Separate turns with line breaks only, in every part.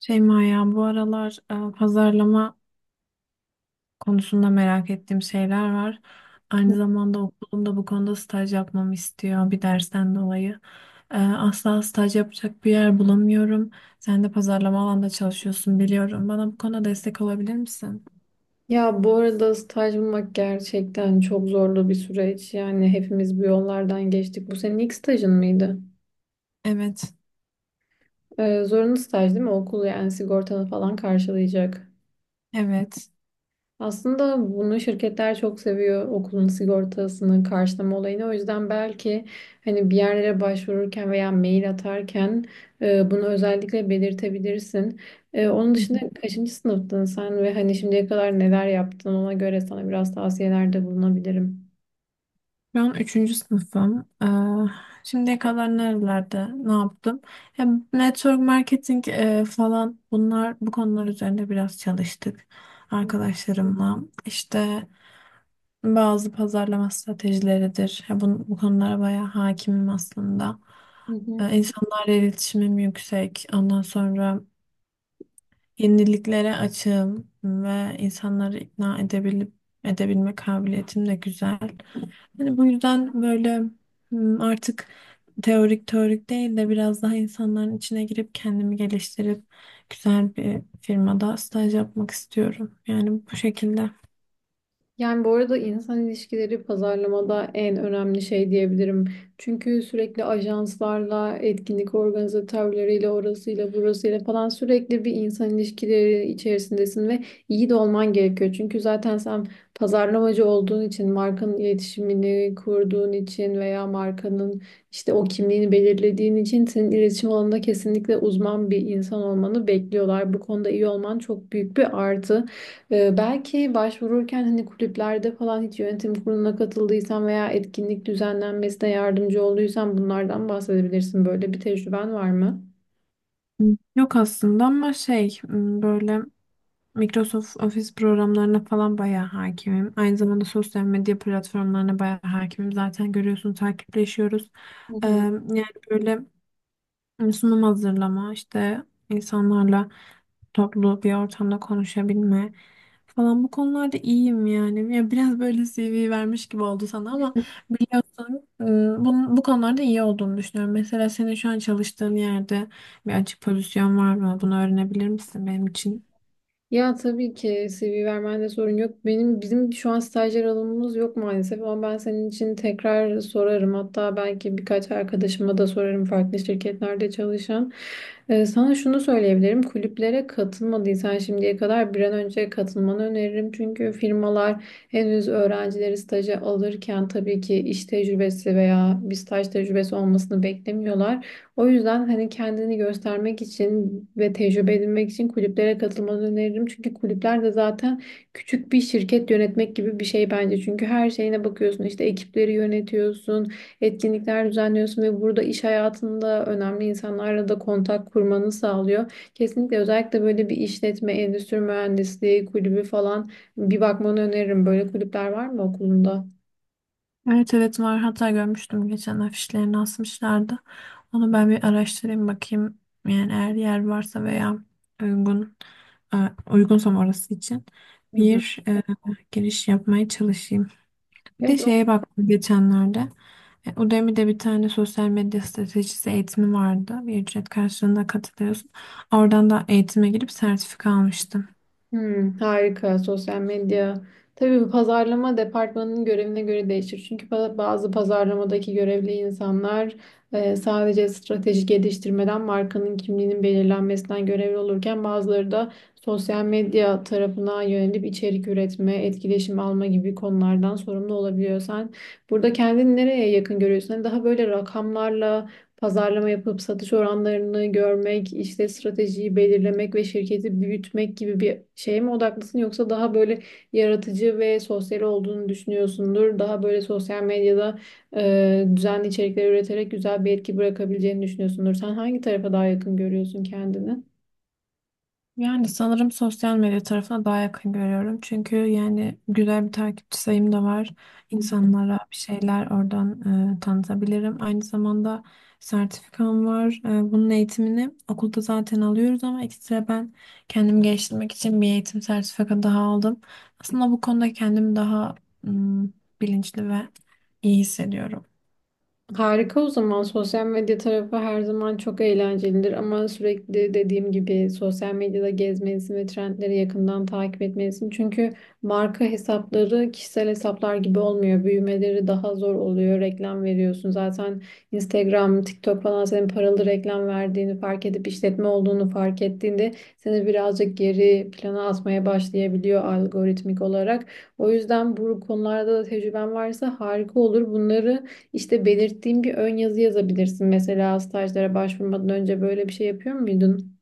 Şeyma ya bu aralar pazarlama konusunda merak ettiğim şeyler var. Aynı zamanda okulum da bu konuda staj yapmamı istiyor bir dersten dolayı. Asla staj yapacak bir yer bulamıyorum. Sen de pazarlama alanda çalışıyorsun biliyorum. Bana bu konuda destek olabilir misin?
Ya bu arada staj bulmak gerçekten çok zorlu bir süreç. Yani hepimiz bu yollardan geçtik. Bu senin ilk stajın mıydı?
Evet,
Zorunlu staj değil mi? Okul yani sigortanı falan karşılayacak.
evet.
Aslında bunu şirketler çok seviyor. Okulun sigortasını karşılama olayını. O yüzden belki hani bir yerlere başvururken veya mail atarken bunu özellikle belirtebilirsin. Onun dışında kaçıncı sınıftın sen ve hani şimdiye kadar neler yaptın ona göre sana biraz tavsiyelerde bulunabilirim.
Şu an üçüncü sınıfım. Şimdiye kadar nerelerde ne yaptım? Hem network marketing falan bunlar bu konular üzerinde biraz çalıştık arkadaşlarımla. İşte bazı pazarlama stratejileridir. Ya bu konulara bayağı hakimim aslında.
Hı hı.
İnsanlarla iletişimim yüksek. Ondan sonra yeniliklere açığım ve insanları ikna edebilip edebilme kabiliyetim de güzel. Hani bu yüzden böyle artık teorik değil de biraz daha insanların içine girip kendimi geliştirip güzel bir firmada staj yapmak istiyorum. Yani bu şekilde.
Yani bu arada insan ilişkileri pazarlamada en önemli şey diyebilirim. Çünkü sürekli ajanslarla, etkinlik organizatörleriyle, orasıyla, burasıyla falan sürekli bir insan ilişkileri içerisindesin ve iyi de olman gerekiyor. Çünkü zaten sen pazarlamacı olduğun için, markanın iletişimini kurduğun için veya markanın işte o kimliğini belirlediğin için senin iletişim alanında kesinlikle uzman bir insan olmanı bekliyorlar. Bu konuda iyi olman çok büyük bir artı. Belki başvururken hani kulüplerde falan hiç yönetim kuruluna katıldıysan veya etkinlik düzenlenmesine yardımcı olduysan bunlardan bahsedebilirsin. Böyle bir tecrüben var mı?
Yok aslında ama böyle Microsoft Office programlarına falan bayağı hakimim. Aynı zamanda sosyal medya platformlarına bayağı hakimim. Zaten görüyorsun takipleşiyoruz.
Hı hı.
Yani böyle sunum hazırlama, işte insanlarla toplu bir ortamda konuşabilme falan bu konularda iyiyim yani. Ya biraz böyle CV vermiş gibi oldu sana ama biliyorsun bu konularda iyi olduğunu düşünüyorum. Mesela senin şu an çalıştığın yerde bir açık pozisyon var mı? Bunu öğrenebilir misin benim için?
Ya tabii ki CV vermende sorun yok. Benim bizim şu an stajyer alımımız yok maalesef ama ben senin için tekrar sorarım. Hatta belki birkaç arkadaşıma da sorarım farklı şirketlerde çalışan. Sana şunu söyleyebilirim. Kulüplere katılmadıysan şimdiye kadar bir an önce katılmanı öneririm. Çünkü firmalar henüz öğrencileri staja alırken tabii ki iş tecrübesi veya bir staj tecrübesi olmasını beklemiyorlar. O yüzden hani kendini göstermek için ve tecrübe edinmek için kulüplere katılmanı öneririm. Çünkü kulüpler de zaten küçük bir şirket yönetmek gibi bir şey bence. Çünkü her şeyine bakıyorsun işte ekipleri yönetiyorsun, etkinlikler düzenliyorsun ve burada iş hayatında önemli insanlarla da kontak kurmanı sağlıyor. Kesinlikle özellikle böyle bir işletme, endüstri mühendisliği kulübü falan bir bakmanı öneririm. Böyle kulüpler var mı okulunda?
Evet, evet, var. Hatta görmüştüm geçen afişlerini asmışlardı. Onu ben bir araştırayım bakayım. Yani eğer yer varsa veya uygun e, uygunsam orası için
Hı hı.
bir giriş yapmaya çalışayım. Bir de
Evet.
şeye baktım geçenlerde. Udemy'de bir tane sosyal medya stratejisi eğitimi vardı. Bir ücret karşılığında katılıyorsun. Oradan da eğitime girip sertifika almıştım.
Harika. Sosyal medya. Tabii bu pazarlama departmanının görevine göre değişir. Çünkü bazı pazarlamadaki görevli insanlar sadece strateji geliştirmeden markanın kimliğinin belirlenmesinden görevli olurken bazıları da sosyal medya tarafına yönelip içerik üretme, etkileşim alma gibi konulardan sorumlu olabiliyor. Sen burada kendini nereye yakın görüyorsun? Hani daha böyle rakamlarla pazarlama yapıp satış oranlarını görmek, işte stratejiyi belirlemek ve şirketi büyütmek gibi bir şeye mi odaklısın yoksa daha böyle yaratıcı ve sosyal olduğunu düşünüyorsundur. Daha böyle sosyal medyada düzenli içerikler üreterek güzel bir etki bırakabileceğini düşünüyorsundur. Sen hangi tarafa daha yakın görüyorsun kendini?
Yani sanırım sosyal medya tarafına daha yakın görüyorum. Çünkü yani güzel bir takipçi sayım da var.
Hı hı.
İnsanlara bir şeyler oradan tanıtabilirim. Aynı zamanda sertifikam var. Bunun eğitimini okulda zaten alıyoruz ama ekstra ben kendimi geliştirmek için bir eğitim sertifika daha aldım. Aslında bu konuda kendimi daha mm, bilinçli ve iyi hissediyorum.
Harika, o zaman sosyal medya tarafı her zaman çok eğlencelidir ama sürekli dediğim gibi sosyal medyada gezmelisin ve trendleri yakından takip etmelisin. Çünkü marka hesapları kişisel hesaplar gibi olmuyor. Büyümeleri daha zor oluyor. Reklam veriyorsun. Zaten Instagram, TikTok falan senin paralı reklam verdiğini fark edip işletme olduğunu fark ettiğinde seni birazcık geri plana atmaya başlayabiliyor algoritmik olarak. O yüzden bu konularda da tecrüben varsa harika olur. Bunları işte belirttiğim bir ön yazı yazabilirsin. Mesela stajlara başvurmadan önce böyle bir şey yapıyor muydun?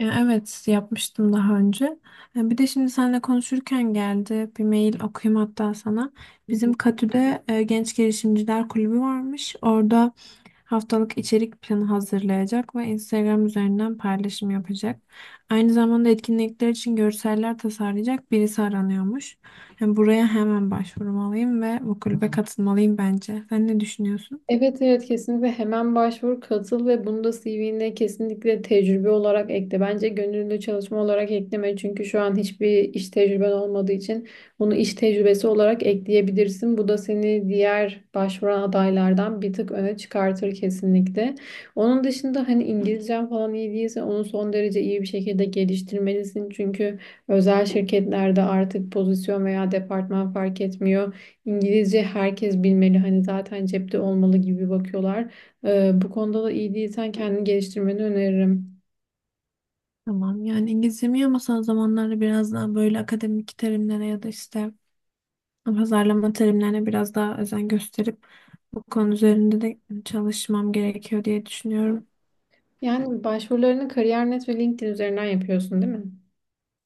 Ya evet, yapmıştım daha önce. Bir de şimdi seninle konuşurken geldi bir mail, okuyayım hatta sana.
Hı
Bizim
hı.
Katü'de Genç Girişimciler Kulübü varmış. Orada haftalık içerik planı hazırlayacak ve Instagram üzerinden paylaşım yapacak. Aynı zamanda etkinlikler için görseller tasarlayacak birisi aranıyormuş. Yani buraya hemen başvurmalıyım ve bu kulübe katılmalıyım bence. Sen ne düşünüyorsun?
Evet, evet, kesinlikle hemen başvur, katıl ve bunu da CV'ne kesinlikle tecrübe olarak ekle. Bence gönüllü çalışma olarak ekleme çünkü şu an hiçbir iş tecrüben olmadığı için bunu iş tecrübesi olarak ekleyebilirsin. Bu da seni diğer başvuran adaylardan bir tık öne çıkartır kesinlikle. Onun dışında hani İngilizcen falan iyi değilse onu son derece iyi bir şekilde geliştirmelisin. Çünkü özel şirketlerde artık pozisyon veya departman fark etmiyor. İngilizce herkes bilmeli, hani zaten cepte olmalı gibi bakıyorlar. Bu konuda da iyi değilsen kendini geliştirmeni öneririm.
Tamam, yani İngilizcem ama son zamanlarda biraz daha böyle akademik terimlere ya da işte pazarlama terimlerine biraz daha özen gösterip bu konu üzerinde de çalışmam gerekiyor diye düşünüyorum.
Yani başvurularını Kariyer.net ve LinkedIn üzerinden yapıyorsun, değil mi?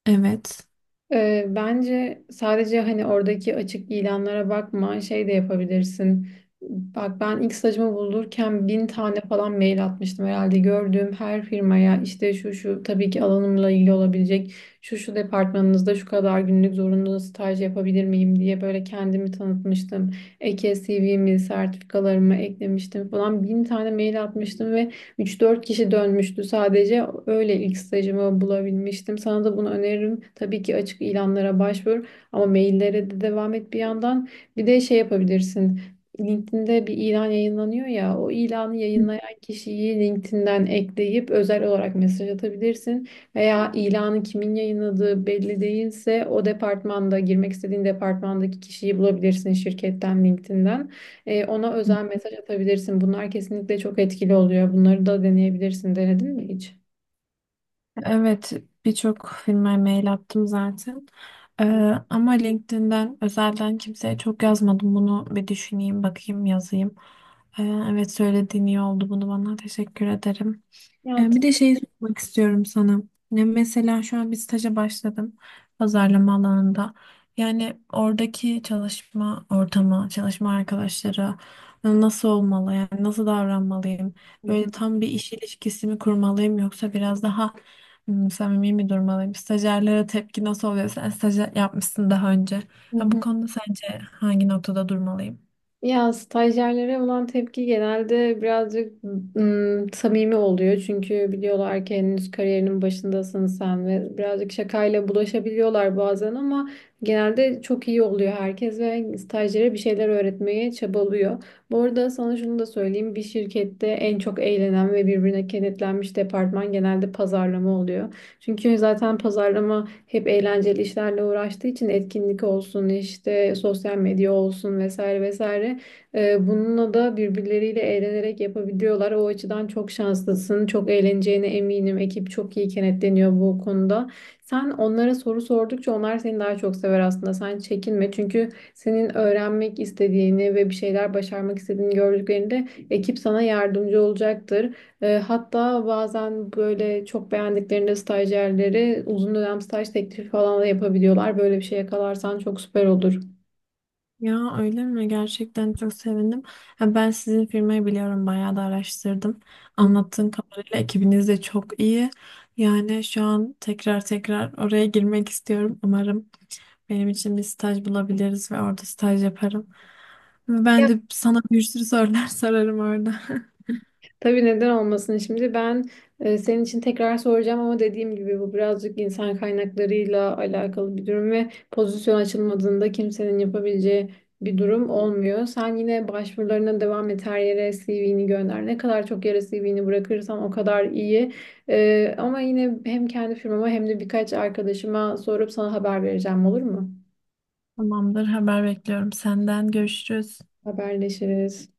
Evet.
Bence sadece hani oradaki açık ilanlara bakma, şey de yapabilirsin. Bak ben ilk stajımı bulurken bin tane falan mail atmıştım herhalde. Gördüğüm her firmaya işte şu şu, tabii ki alanımla ilgili olabilecek şu şu departmanınızda şu kadar günlük zorunlu staj yapabilir miyim diye böyle kendimi tanıtmıştım. Eke CV'mi, sertifikalarımı eklemiştim falan, bin tane mail atmıştım ve üç dört kişi dönmüştü sadece. Öyle ilk stajımı bulabilmiştim. Sana da bunu öneririm. Tabii ki açık ilanlara başvur ama maillere de devam et bir yandan. Bir de şey yapabilirsin. LinkedIn'de bir ilan yayınlanıyor ya, o ilanı yayınlayan kişiyi LinkedIn'den ekleyip özel olarak mesaj atabilirsin. Veya ilanı kimin yayınladığı belli değilse o departmanda girmek istediğin departmandaki kişiyi bulabilirsin şirketten LinkedIn'den. Ona özel mesaj atabilirsin. Bunlar kesinlikle çok etkili oluyor. Bunları da deneyebilirsin. Denedin mi hiç?
Evet, birçok firmaya mail attım zaten. Ee, Ama LinkedIn'den özelden kimseye çok yazmadım. Bunu bir düşüneyim, bakayım, yazayım. Ee, evet, söylediğin iyi oldu. Bunu bana, teşekkür ederim.
Ya, t-
Bir de şeyi sormak istiyorum sana. Ya mesela şu an bir staja başladım pazarlama alanında. Yani oradaki çalışma ortamı, çalışma arkadaşları nasıl olmalı? Yani nasıl davranmalıyım?
Hı
Böyle
hı,
tam bir iş ilişkisi mi kurmalıyım yoksa biraz daha samimi mi durmalıyım? Stajyerlere tepki nasıl oluyor? Sen stajyer yapmışsın daha önce.
hı
Ya bu
hı.
konuda sence hangi noktada durmalıyım?
Ya stajyerlere olan tepki genelde birazcık samimi oluyor. Çünkü biliyorlar ki henüz kariyerinin başındasın sen ve birazcık şakayla bulaşabiliyorlar bazen ama genelde çok iyi oluyor herkes ve stajyere bir şeyler öğretmeye çabalıyor. Bu arada sana şunu da söyleyeyim. Bir şirkette en çok eğlenen ve birbirine kenetlenmiş departman genelde pazarlama oluyor. Çünkü zaten pazarlama hep eğlenceli işlerle uğraştığı için etkinlik olsun işte sosyal medya olsun vesaire vesaire. Bununla da birbirleriyle eğlenerek yapabiliyorlar. O açıdan çok şanslısın. Çok eğleneceğine eminim. Ekip çok iyi kenetleniyor bu konuda. Sen onlara soru sordukça onlar seni daha çok sever aslında. Sen çekinme çünkü senin öğrenmek istediğini ve bir şeyler başarmak istediğini gördüklerinde ekip sana yardımcı olacaktır. Hatta bazen böyle çok beğendiklerinde stajyerleri uzun dönem staj teklifi falan da yapabiliyorlar. Böyle bir şey yakalarsan çok süper olur.
Ya öyle mi? Gerçekten çok sevindim. Ha, ben sizin firmayı biliyorum. Bayağı da araştırdım.
Hı.
Anlattığın kadarıyla ekibiniz de çok iyi. Yani şu an tekrar tekrar oraya girmek istiyorum. Umarım benim için bir staj bulabiliriz ve orada staj yaparım. Ben de sana bir sürü sorular sorarım orada.
Tabii, neden olmasın, şimdi ben senin için tekrar soracağım ama dediğim gibi bu birazcık insan kaynaklarıyla alakalı bir durum ve pozisyon açılmadığında kimsenin yapabileceği bir durum olmuyor. Sen yine başvurularına devam et, her yere CV'ni gönder. Ne kadar çok yere CV'ni bırakırsan o kadar iyi. Ama yine hem kendi firmama hem de birkaç arkadaşıma sorup sana haber vereceğim, olur mu?
Tamamdır, haber bekliyorum senden. Görüşürüz.
Haberleşiriz.